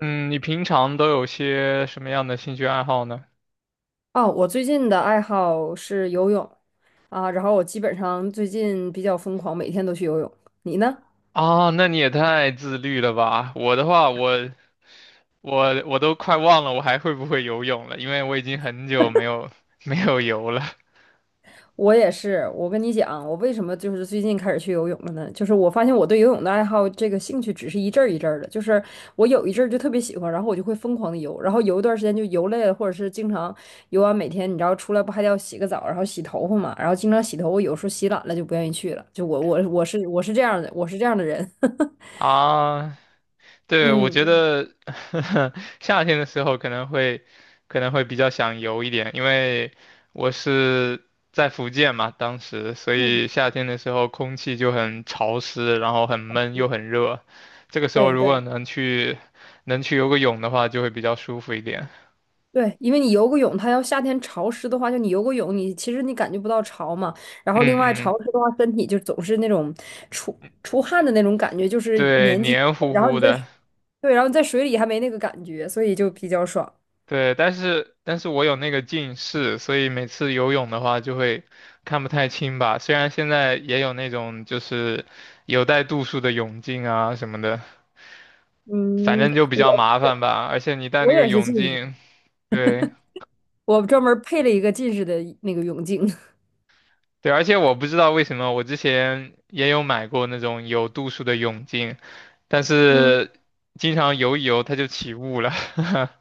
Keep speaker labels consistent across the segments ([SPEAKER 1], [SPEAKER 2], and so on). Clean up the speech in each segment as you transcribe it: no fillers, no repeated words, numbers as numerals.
[SPEAKER 1] 嗯，你平常都有些什么样的兴趣爱好呢？
[SPEAKER 2] 哦，我最近的爱好是游泳啊，然后我基本上最近比较疯狂，每天都去游泳。你呢？
[SPEAKER 1] 啊，那你也太自律了吧！我的话，我都快忘了我还会不会游泳了，因为我已经很久没有 没有游了
[SPEAKER 2] 我也是。我跟你讲，我为什么最近开始去游泳了呢？就是我发现我对游泳的爱好，这个兴趣只是一阵儿一阵儿的。我有一阵儿就特别喜欢，然后我就会疯狂的游，然后游一段时间就游累了，或者是经常游完每天，你知道出来不还得要洗个澡，然后洗头发嘛，然后经常洗头，我有时候洗懒了就不愿意去了。就我我我是我是这样的，我是这样的人。
[SPEAKER 1] 啊。对，我
[SPEAKER 2] 嗯
[SPEAKER 1] 觉
[SPEAKER 2] 嗯，
[SPEAKER 1] 得 夏天的时候可能会比较想游一点，因为我是在福建嘛，当时，所
[SPEAKER 2] 嗯
[SPEAKER 1] 以夏天的时候空气就很潮湿，然后很闷又很热。这个时候
[SPEAKER 2] 对
[SPEAKER 1] 如果
[SPEAKER 2] 对。
[SPEAKER 1] 能去游个泳的话，就会比较舒服一点。
[SPEAKER 2] 对，因为你游个泳，它要夏天潮湿的话，就你游个泳，你其实你感觉不到潮嘛。然
[SPEAKER 1] 嗯
[SPEAKER 2] 后另外
[SPEAKER 1] 嗯，
[SPEAKER 2] 潮湿的话，身体就总是那种出出汗的那种感觉，就是
[SPEAKER 1] 对，
[SPEAKER 2] 年纪，
[SPEAKER 1] 黏糊
[SPEAKER 2] 然后
[SPEAKER 1] 糊
[SPEAKER 2] 你在
[SPEAKER 1] 的。
[SPEAKER 2] 对，然后你在水里还没那个感觉，所以就比较爽。
[SPEAKER 1] 对，但是我有那个近视，所以每次游泳的话就会看不太清吧。虽然现在也有那种就是有带度数的泳镜啊什么的，反
[SPEAKER 2] 嗯，
[SPEAKER 1] 正就比较
[SPEAKER 2] 我
[SPEAKER 1] 麻烦吧。而且你戴那
[SPEAKER 2] 我
[SPEAKER 1] 个
[SPEAKER 2] 也是
[SPEAKER 1] 泳
[SPEAKER 2] 近视，
[SPEAKER 1] 镜，对
[SPEAKER 2] 我专门配了一个近视的那个泳镜。
[SPEAKER 1] 对，而且我不知道为什么我之前也有买过那种有度数的泳镜，但
[SPEAKER 2] 嗯。
[SPEAKER 1] 是经常游一游它就起雾了。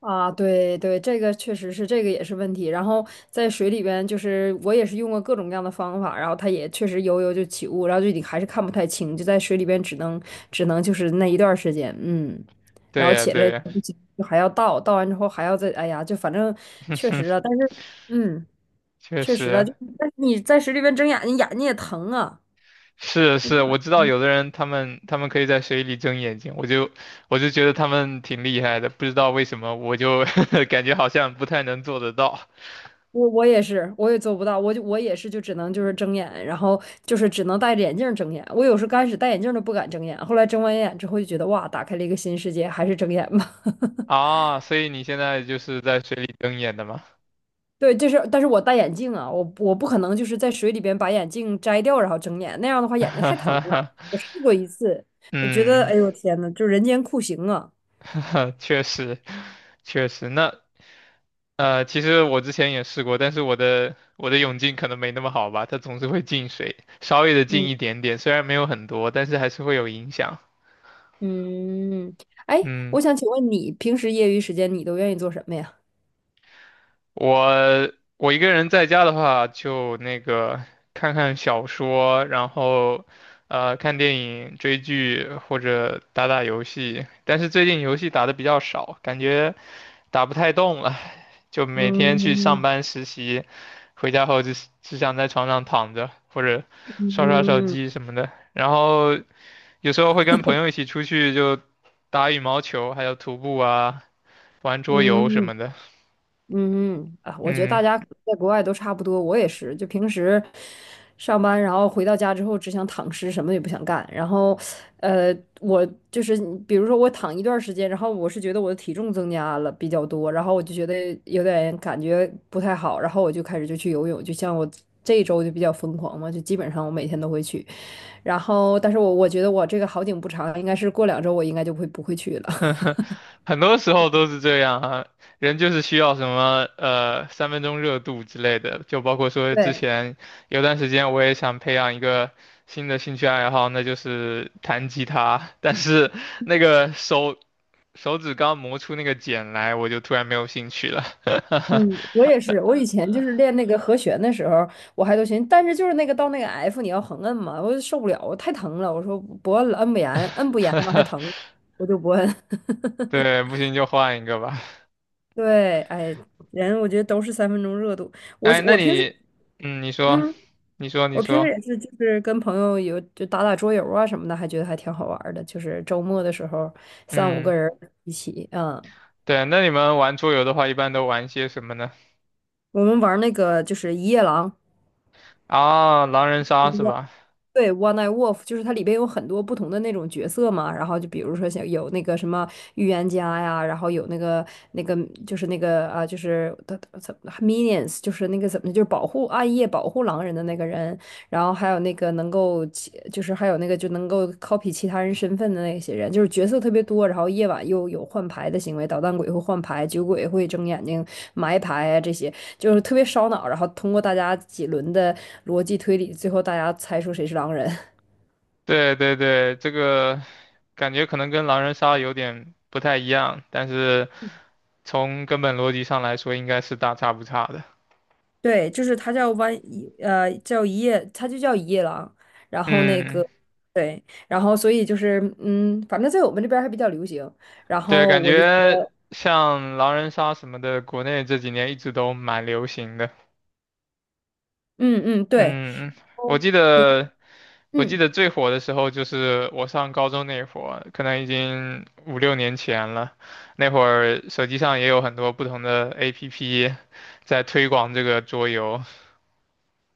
[SPEAKER 2] 啊，对对，这个确实是，这个也是问题。然后在水里边，我也是用过各种各样的方法，然后它也确实游游就起雾，然后就你还是看不太清，就在水里边只能就是那一段儿时间，嗯，然
[SPEAKER 1] 对
[SPEAKER 2] 后
[SPEAKER 1] 呀
[SPEAKER 2] 起
[SPEAKER 1] 对
[SPEAKER 2] 来就
[SPEAKER 1] 呀，
[SPEAKER 2] 不行就还要倒，倒完之后还要再，哎呀，就反正确实啊，但是嗯，
[SPEAKER 1] 确
[SPEAKER 2] 确实啊，
[SPEAKER 1] 实。
[SPEAKER 2] 就但是你在水里边睁眼睛，眼睛也疼啊。
[SPEAKER 1] 是是，我知道有的人他们可以在水里睁眼睛，我就觉得他们挺厉害的，不知道为什么我就 感觉好像不太能做得到
[SPEAKER 2] 我也是，我也做不到，我就我也是，就只能睁眼，然后只能戴着眼镜儿睁眼。我有时候刚开始戴眼镜儿都不敢睁眼，后来睁完眼之后就觉得哇，打开了一个新世界，还是睁眼吧。
[SPEAKER 1] 啊。所以你现在就是在水里睁眼的吗？
[SPEAKER 2] 对，就是，但是我戴眼镜啊，我不可能就是在水里边把眼镜摘掉然后睁眼，那样的话 眼睛
[SPEAKER 1] 哈
[SPEAKER 2] 太疼
[SPEAKER 1] 哈
[SPEAKER 2] 了。
[SPEAKER 1] 哈
[SPEAKER 2] 我试过一次，我觉得
[SPEAKER 1] 嗯，
[SPEAKER 2] 哎呦天呐，就人间酷刑啊！
[SPEAKER 1] 确实确实。那其实我之前也试过，但是我的泳镜可能没那么好吧，它总是会进水，稍微的进
[SPEAKER 2] 嗯
[SPEAKER 1] 一点点，虽然没有很多，但是还是会有影响。
[SPEAKER 2] 嗯，哎，
[SPEAKER 1] 嗯。
[SPEAKER 2] 我想请问你平时业余时间你都愿意做什么呀？
[SPEAKER 1] 我我一个人在家的话，就那个看看小说，然后看电影、追剧或者打打游戏。但是最近游戏打的比较少，感觉打不太动了，就每天去上
[SPEAKER 2] 嗯
[SPEAKER 1] 班实习，回家后就只想在床上躺着或者刷刷手
[SPEAKER 2] 嗯
[SPEAKER 1] 机什么的。然后有时候会跟朋友一起出去就打羽毛球，还有徒步啊，玩桌游什
[SPEAKER 2] 嗯。
[SPEAKER 1] 么的。
[SPEAKER 2] 嗯嗯啊，我觉得大
[SPEAKER 1] 嗯。
[SPEAKER 2] 家可能在国外都差不多，我也是，就平时上班，然后回到家之后只想躺尸，什么也不想干。然后，呃，我就是比如说我躺一段时间，然后我是觉得我的体重增加了比较多，然后我就觉得有点感觉不太好，然后我就开始就去游泳，就像我。这一周就比较疯狂嘛，就基本上我每天都会去，然后，但是我觉得我这个好景不长，应该是过两周我应该就会不会去了。
[SPEAKER 1] 很多时候都是这样啊，人就是需要什么三分钟热度之类的，就包括 说之
[SPEAKER 2] 对，
[SPEAKER 1] 前有段时间我也想培养一个新的兴趣爱好，那就是弹吉他，但是那个手手指刚磨出那个茧来，我就突然没有兴趣了。
[SPEAKER 2] 嗯，我也是。我以前就是练那个和弦的时候，我还都行，但是就是那个到那个 F，你要横摁嘛，我就受不了，我太疼了。我说不摁了，摁不严，摁不严嘛还疼，我就不摁。
[SPEAKER 1] 对，不行就换一个吧。
[SPEAKER 2] 对，哎，人我觉得都是三分钟热度。我
[SPEAKER 1] 哎，那
[SPEAKER 2] 我平时，
[SPEAKER 1] 你，嗯，你说，
[SPEAKER 2] 嗯，
[SPEAKER 1] 你说，你
[SPEAKER 2] 我平时
[SPEAKER 1] 说，
[SPEAKER 2] 也是，就是跟朋友有就打打桌游啊什么的，还觉得还挺好玩儿的。就是周末的时候，三五个
[SPEAKER 1] 嗯。
[SPEAKER 2] 人一起，嗯，
[SPEAKER 1] 对，那你们玩桌游的话，一般都玩些什么呢？
[SPEAKER 2] 我们玩儿那个就是一夜狼。
[SPEAKER 1] 啊，狼人杀是吧？
[SPEAKER 2] 对，One Night Wolf 就是它里边有很多不同的那种角色嘛，然后就比如说像有那个什么预言家呀，然后有那个就是那个啊，就是的怎么 Minions，就是那个怎么就是保护暗夜保护狼人的那个人，然后还有那个能够其，就是还有那个就能够 copy 其他人身份的那些人，就是角色特别多，然后夜晚又有换牌的行为，捣蛋鬼会换牌，酒鬼会睁眼睛埋牌啊，这些就是特别烧脑。然后通过大家几轮的逻辑推理，最后大家猜出谁是狼人。
[SPEAKER 1] 对对对，这个感觉可能跟狼人杀有点不太一样，但是从根本逻辑上来说，应该是大差不差的。
[SPEAKER 2] 对，就是他叫弯，呃，叫一夜，他就叫一夜狼。然后那
[SPEAKER 1] 嗯，
[SPEAKER 2] 个，对，然后所以就是，嗯，反正在我们这边儿还比较流行。然
[SPEAKER 1] 对，
[SPEAKER 2] 后
[SPEAKER 1] 感
[SPEAKER 2] 我就觉
[SPEAKER 1] 觉
[SPEAKER 2] 得，
[SPEAKER 1] 像狼人杀什么的，国内这几年一直都蛮流行的。
[SPEAKER 2] 嗯嗯，对，
[SPEAKER 1] 嗯，我
[SPEAKER 2] 哦
[SPEAKER 1] 记
[SPEAKER 2] 挺
[SPEAKER 1] 得我记
[SPEAKER 2] 嗯。
[SPEAKER 1] 得最火的时候就是我上高中那会儿，可能已经五六年前了。那会儿手机上也有很多不同的 APP 在推广这个桌游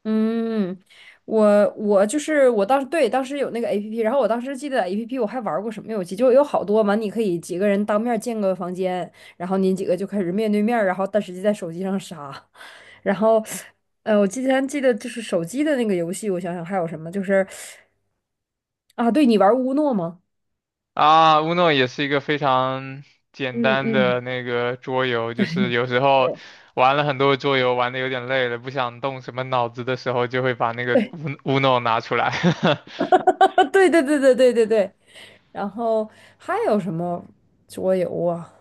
[SPEAKER 2] 嗯，我我就是我当时对当时有那个 APP，然后我当时记得 APP 我还玩过什么游戏，就有好多嘛，你可以几个人当面建个房间，然后你几个就开始面对面儿然后但实际在手机上杀，然后呃，我之前记得就是手机的那个游戏，我想想还有什么，就是啊，对你玩乌诺吗？
[SPEAKER 1] 啊，Uno 也是一个非常简
[SPEAKER 2] 嗯
[SPEAKER 1] 单的
[SPEAKER 2] 嗯。
[SPEAKER 1] 那个桌游，就是有时候玩了很多桌游，玩的有点累了，不想动什么脑子的时候，就会把那个
[SPEAKER 2] 对
[SPEAKER 1] Uno 拿出来。
[SPEAKER 2] 对 对对对对对对对，然后还有什么桌游啊？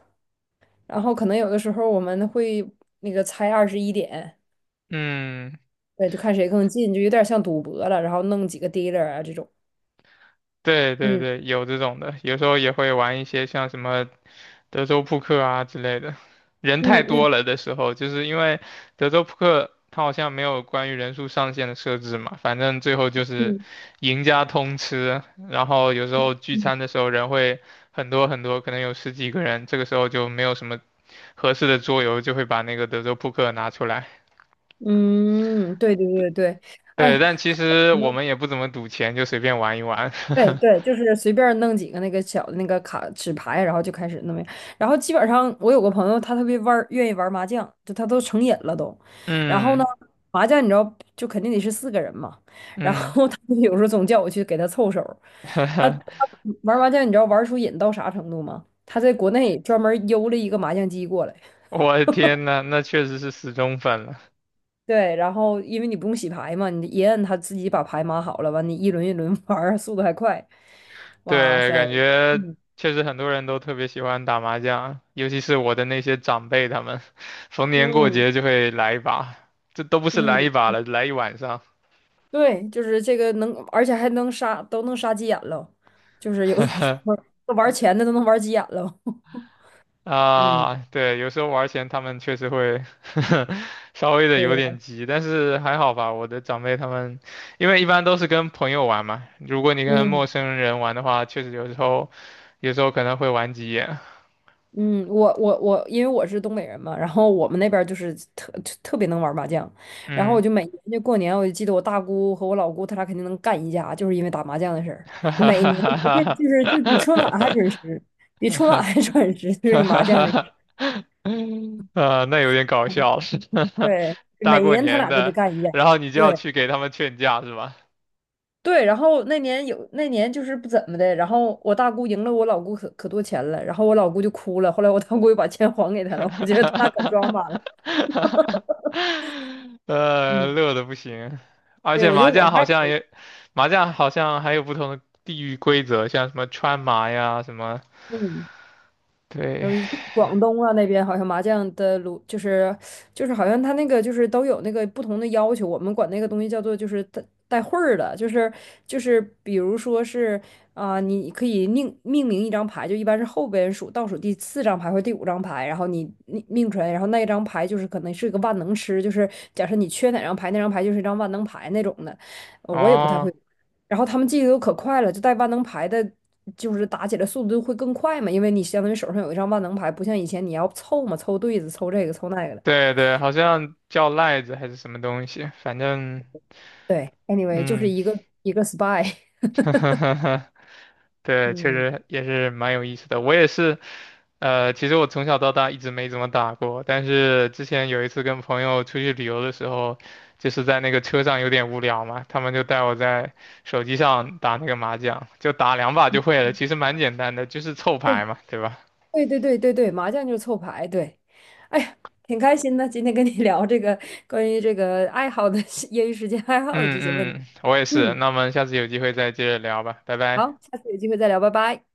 [SPEAKER 2] 然后可能有的时候我们会那个猜二十一点，
[SPEAKER 1] 嗯，
[SPEAKER 2] 对，就看谁更近，就有点像赌博了，然后弄几个 dealer 啊这种。
[SPEAKER 1] 对对
[SPEAKER 2] 嗯
[SPEAKER 1] 对，有这种的，有时候也会玩一些像什么德州扑克啊之类的。人太
[SPEAKER 2] 嗯
[SPEAKER 1] 多
[SPEAKER 2] 嗯
[SPEAKER 1] 了的时候，就是因为德州扑克它好像没有关于人数上限的设置嘛，反正最后就是
[SPEAKER 2] 嗯
[SPEAKER 1] 赢家通吃。然后有时候聚
[SPEAKER 2] 嗯，
[SPEAKER 1] 餐的时候人会很多很多，可能有十几个人，这个时候就没有什么合适的桌游，就会把那个德州扑克拿出来。
[SPEAKER 2] 嗯，对对对对，哎，
[SPEAKER 1] 对，但其实
[SPEAKER 2] 什
[SPEAKER 1] 我
[SPEAKER 2] 么
[SPEAKER 1] 们也不怎么赌钱，就随便玩一玩。
[SPEAKER 2] 对对，就是随便弄几个那个小的那个卡纸牌，然后就开始弄。然后基本上我有个朋友，他特别玩儿，愿意玩麻将，就他都成瘾了都。然后呢，
[SPEAKER 1] 嗯
[SPEAKER 2] 麻将你知道就肯定得是四个人嘛，然
[SPEAKER 1] 嗯。
[SPEAKER 2] 后他就有时候总叫我去给他凑手儿他 玩麻将，你知道玩出瘾到啥程度吗？他在国内专门邮了一个麻将机过来。
[SPEAKER 1] 我的天呐，那确实是死忠粉了。
[SPEAKER 2] 对，然后因为你不用洗牌嘛，你一摁它自己把牌码好了，完你一轮一轮 玩儿，速度还快。哇
[SPEAKER 1] 对，
[SPEAKER 2] 塞，
[SPEAKER 1] 感觉
[SPEAKER 2] 嗯
[SPEAKER 1] 确实很多人都特别喜欢打麻将，尤其是我的那些长辈，他们 逢年过
[SPEAKER 2] 嗯
[SPEAKER 1] 节就会来一把，这都不是来
[SPEAKER 2] 嗯，
[SPEAKER 1] 一把了，来一晚上。
[SPEAKER 2] 对，就是这个能，而且还能杀，都能杀急眼了，就是有的时候 玩钱的都能玩急眼了。嗯，
[SPEAKER 1] 啊，对，有时候玩儿钱他们确实会 稍微的有
[SPEAKER 2] 对，
[SPEAKER 1] 点急，但是还好吧。我的长辈他们，因为一般都是跟朋友玩嘛，如果你跟
[SPEAKER 2] 嗯。
[SPEAKER 1] 陌生人玩的话，确实有时候可能会玩急眼。
[SPEAKER 2] 嗯，我，因为我是东北人嘛，然后我们那边儿就是特别能玩麻将，然后我
[SPEAKER 1] 嗯。
[SPEAKER 2] 就每年就过年，我就记得我大姑和我老姑，他俩肯定能干一架，就是因为打麻将的事 儿。
[SPEAKER 1] 哈哈
[SPEAKER 2] 每
[SPEAKER 1] 哈
[SPEAKER 2] 年这就是
[SPEAKER 1] 哈
[SPEAKER 2] 就比春
[SPEAKER 1] 哈
[SPEAKER 2] 晚还准
[SPEAKER 1] 哈
[SPEAKER 2] 时，比春晚
[SPEAKER 1] 哈
[SPEAKER 2] 还准时，就这
[SPEAKER 1] 哈
[SPEAKER 2] 个
[SPEAKER 1] 哈
[SPEAKER 2] 麻将这个事
[SPEAKER 1] 哈！啊，那有点搞
[SPEAKER 2] 儿。
[SPEAKER 1] 笑了，
[SPEAKER 2] 对，
[SPEAKER 1] 大
[SPEAKER 2] 每
[SPEAKER 1] 过
[SPEAKER 2] 年他
[SPEAKER 1] 年
[SPEAKER 2] 俩都得
[SPEAKER 1] 的，
[SPEAKER 2] 干一架。
[SPEAKER 1] 然后你就要
[SPEAKER 2] 对
[SPEAKER 1] 去给他们劝架是吧？
[SPEAKER 2] 对，然后那年就是不怎么的，然后我大姑赢了我老姑可多钱了，然后我老姑就哭了，后来我大姑又把钱还给 她
[SPEAKER 1] 哈
[SPEAKER 2] 了，
[SPEAKER 1] 哈
[SPEAKER 2] 我觉得他俩可
[SPEAKER 1] 哈
[SPEAKER 2] 抓马了。
[SPEAKER 1] 哈哈
[SPEAKER 2] 嗯。
[SPEAKER 1] 乐的不行，而
[SPEAKER 2] 对，
[SPEAKER 1] 且
[SPEAKER 2] 我觉
[SPEAKER 1] 麻
[SPEAKER 2] 得我
[SPEAKER 1] 将好
[SPEAKER 2] 还
[SPEAKER 1] 像
[SPEAKER 2] 可以。
[SPEAKER 1] 也，麻将好像还有不同的地域规则，像什么川麻呀，什么，
[SPEAKER 2] 嗯，
[SPEAKER 1] 对，
[SPEAKER 2] 然后一个广东啊那边好像麻将的炉就是好像他那个就是都有那个不同的要求，我们管那个东西叫做就是带会儿的，就是就是比如说是啊、你可以命名一张牌，就一般是后边数倒数第四张牌或第五张牌，然后你命出来，然后那一张牌就是可能是个万能吃，就是假设你缺哪张牌，那张牌就是一张万能牌那种的，呃我也不太
[SPEAKER 1] 哦，
[SPEAKER 2] 会。然后他们记得都可快了，就带万能牌的，就是打起来速度会更快嘛，因为你相当于手上有一张万能牌，不像以前你要凑嘛，凑对子，凑这个，凑那个的。
[SPEAKER 1] 对对，好像叫赖子还是什么东西，反正，
[SPEAKER 2] 对，anyway，就是
[SPEAKER 1] 嗯，
[SPEAKER 2] 一个一个 spy，
[SPEAKER 1] 对，确
[SPEAKER 2] 嗯，
[SPEAKER 1] 实也是蛮有意思的。我也是，其实我从小到大一直没怎么打过，但是之前有一次跟朋友出去旅游的时候，就是在那个车上有点无聊嘛，他们就带我在手机上打那个麻将，就打两把就会了，其实蛮简单的，就是凑牌
[SPEAKER 2] 对
[SPEAKER 1] 嘛，对吧？
[SPEAKER 2] 对对对对对，麻将就是凑牌，对。哎呀，挺开心的，今天跟你聊这个关于这个爱好的 业余时间爱好的这些问题。
[SPEAKER 1] 嗯嗯，我也是。
[SPEAKER 2] 嗯，
[SPEAKER 1] 那我们下次有机会再接着聊吧，拜拜。
[SPEAKER 2] 好，下次有机会再聊，拜拜。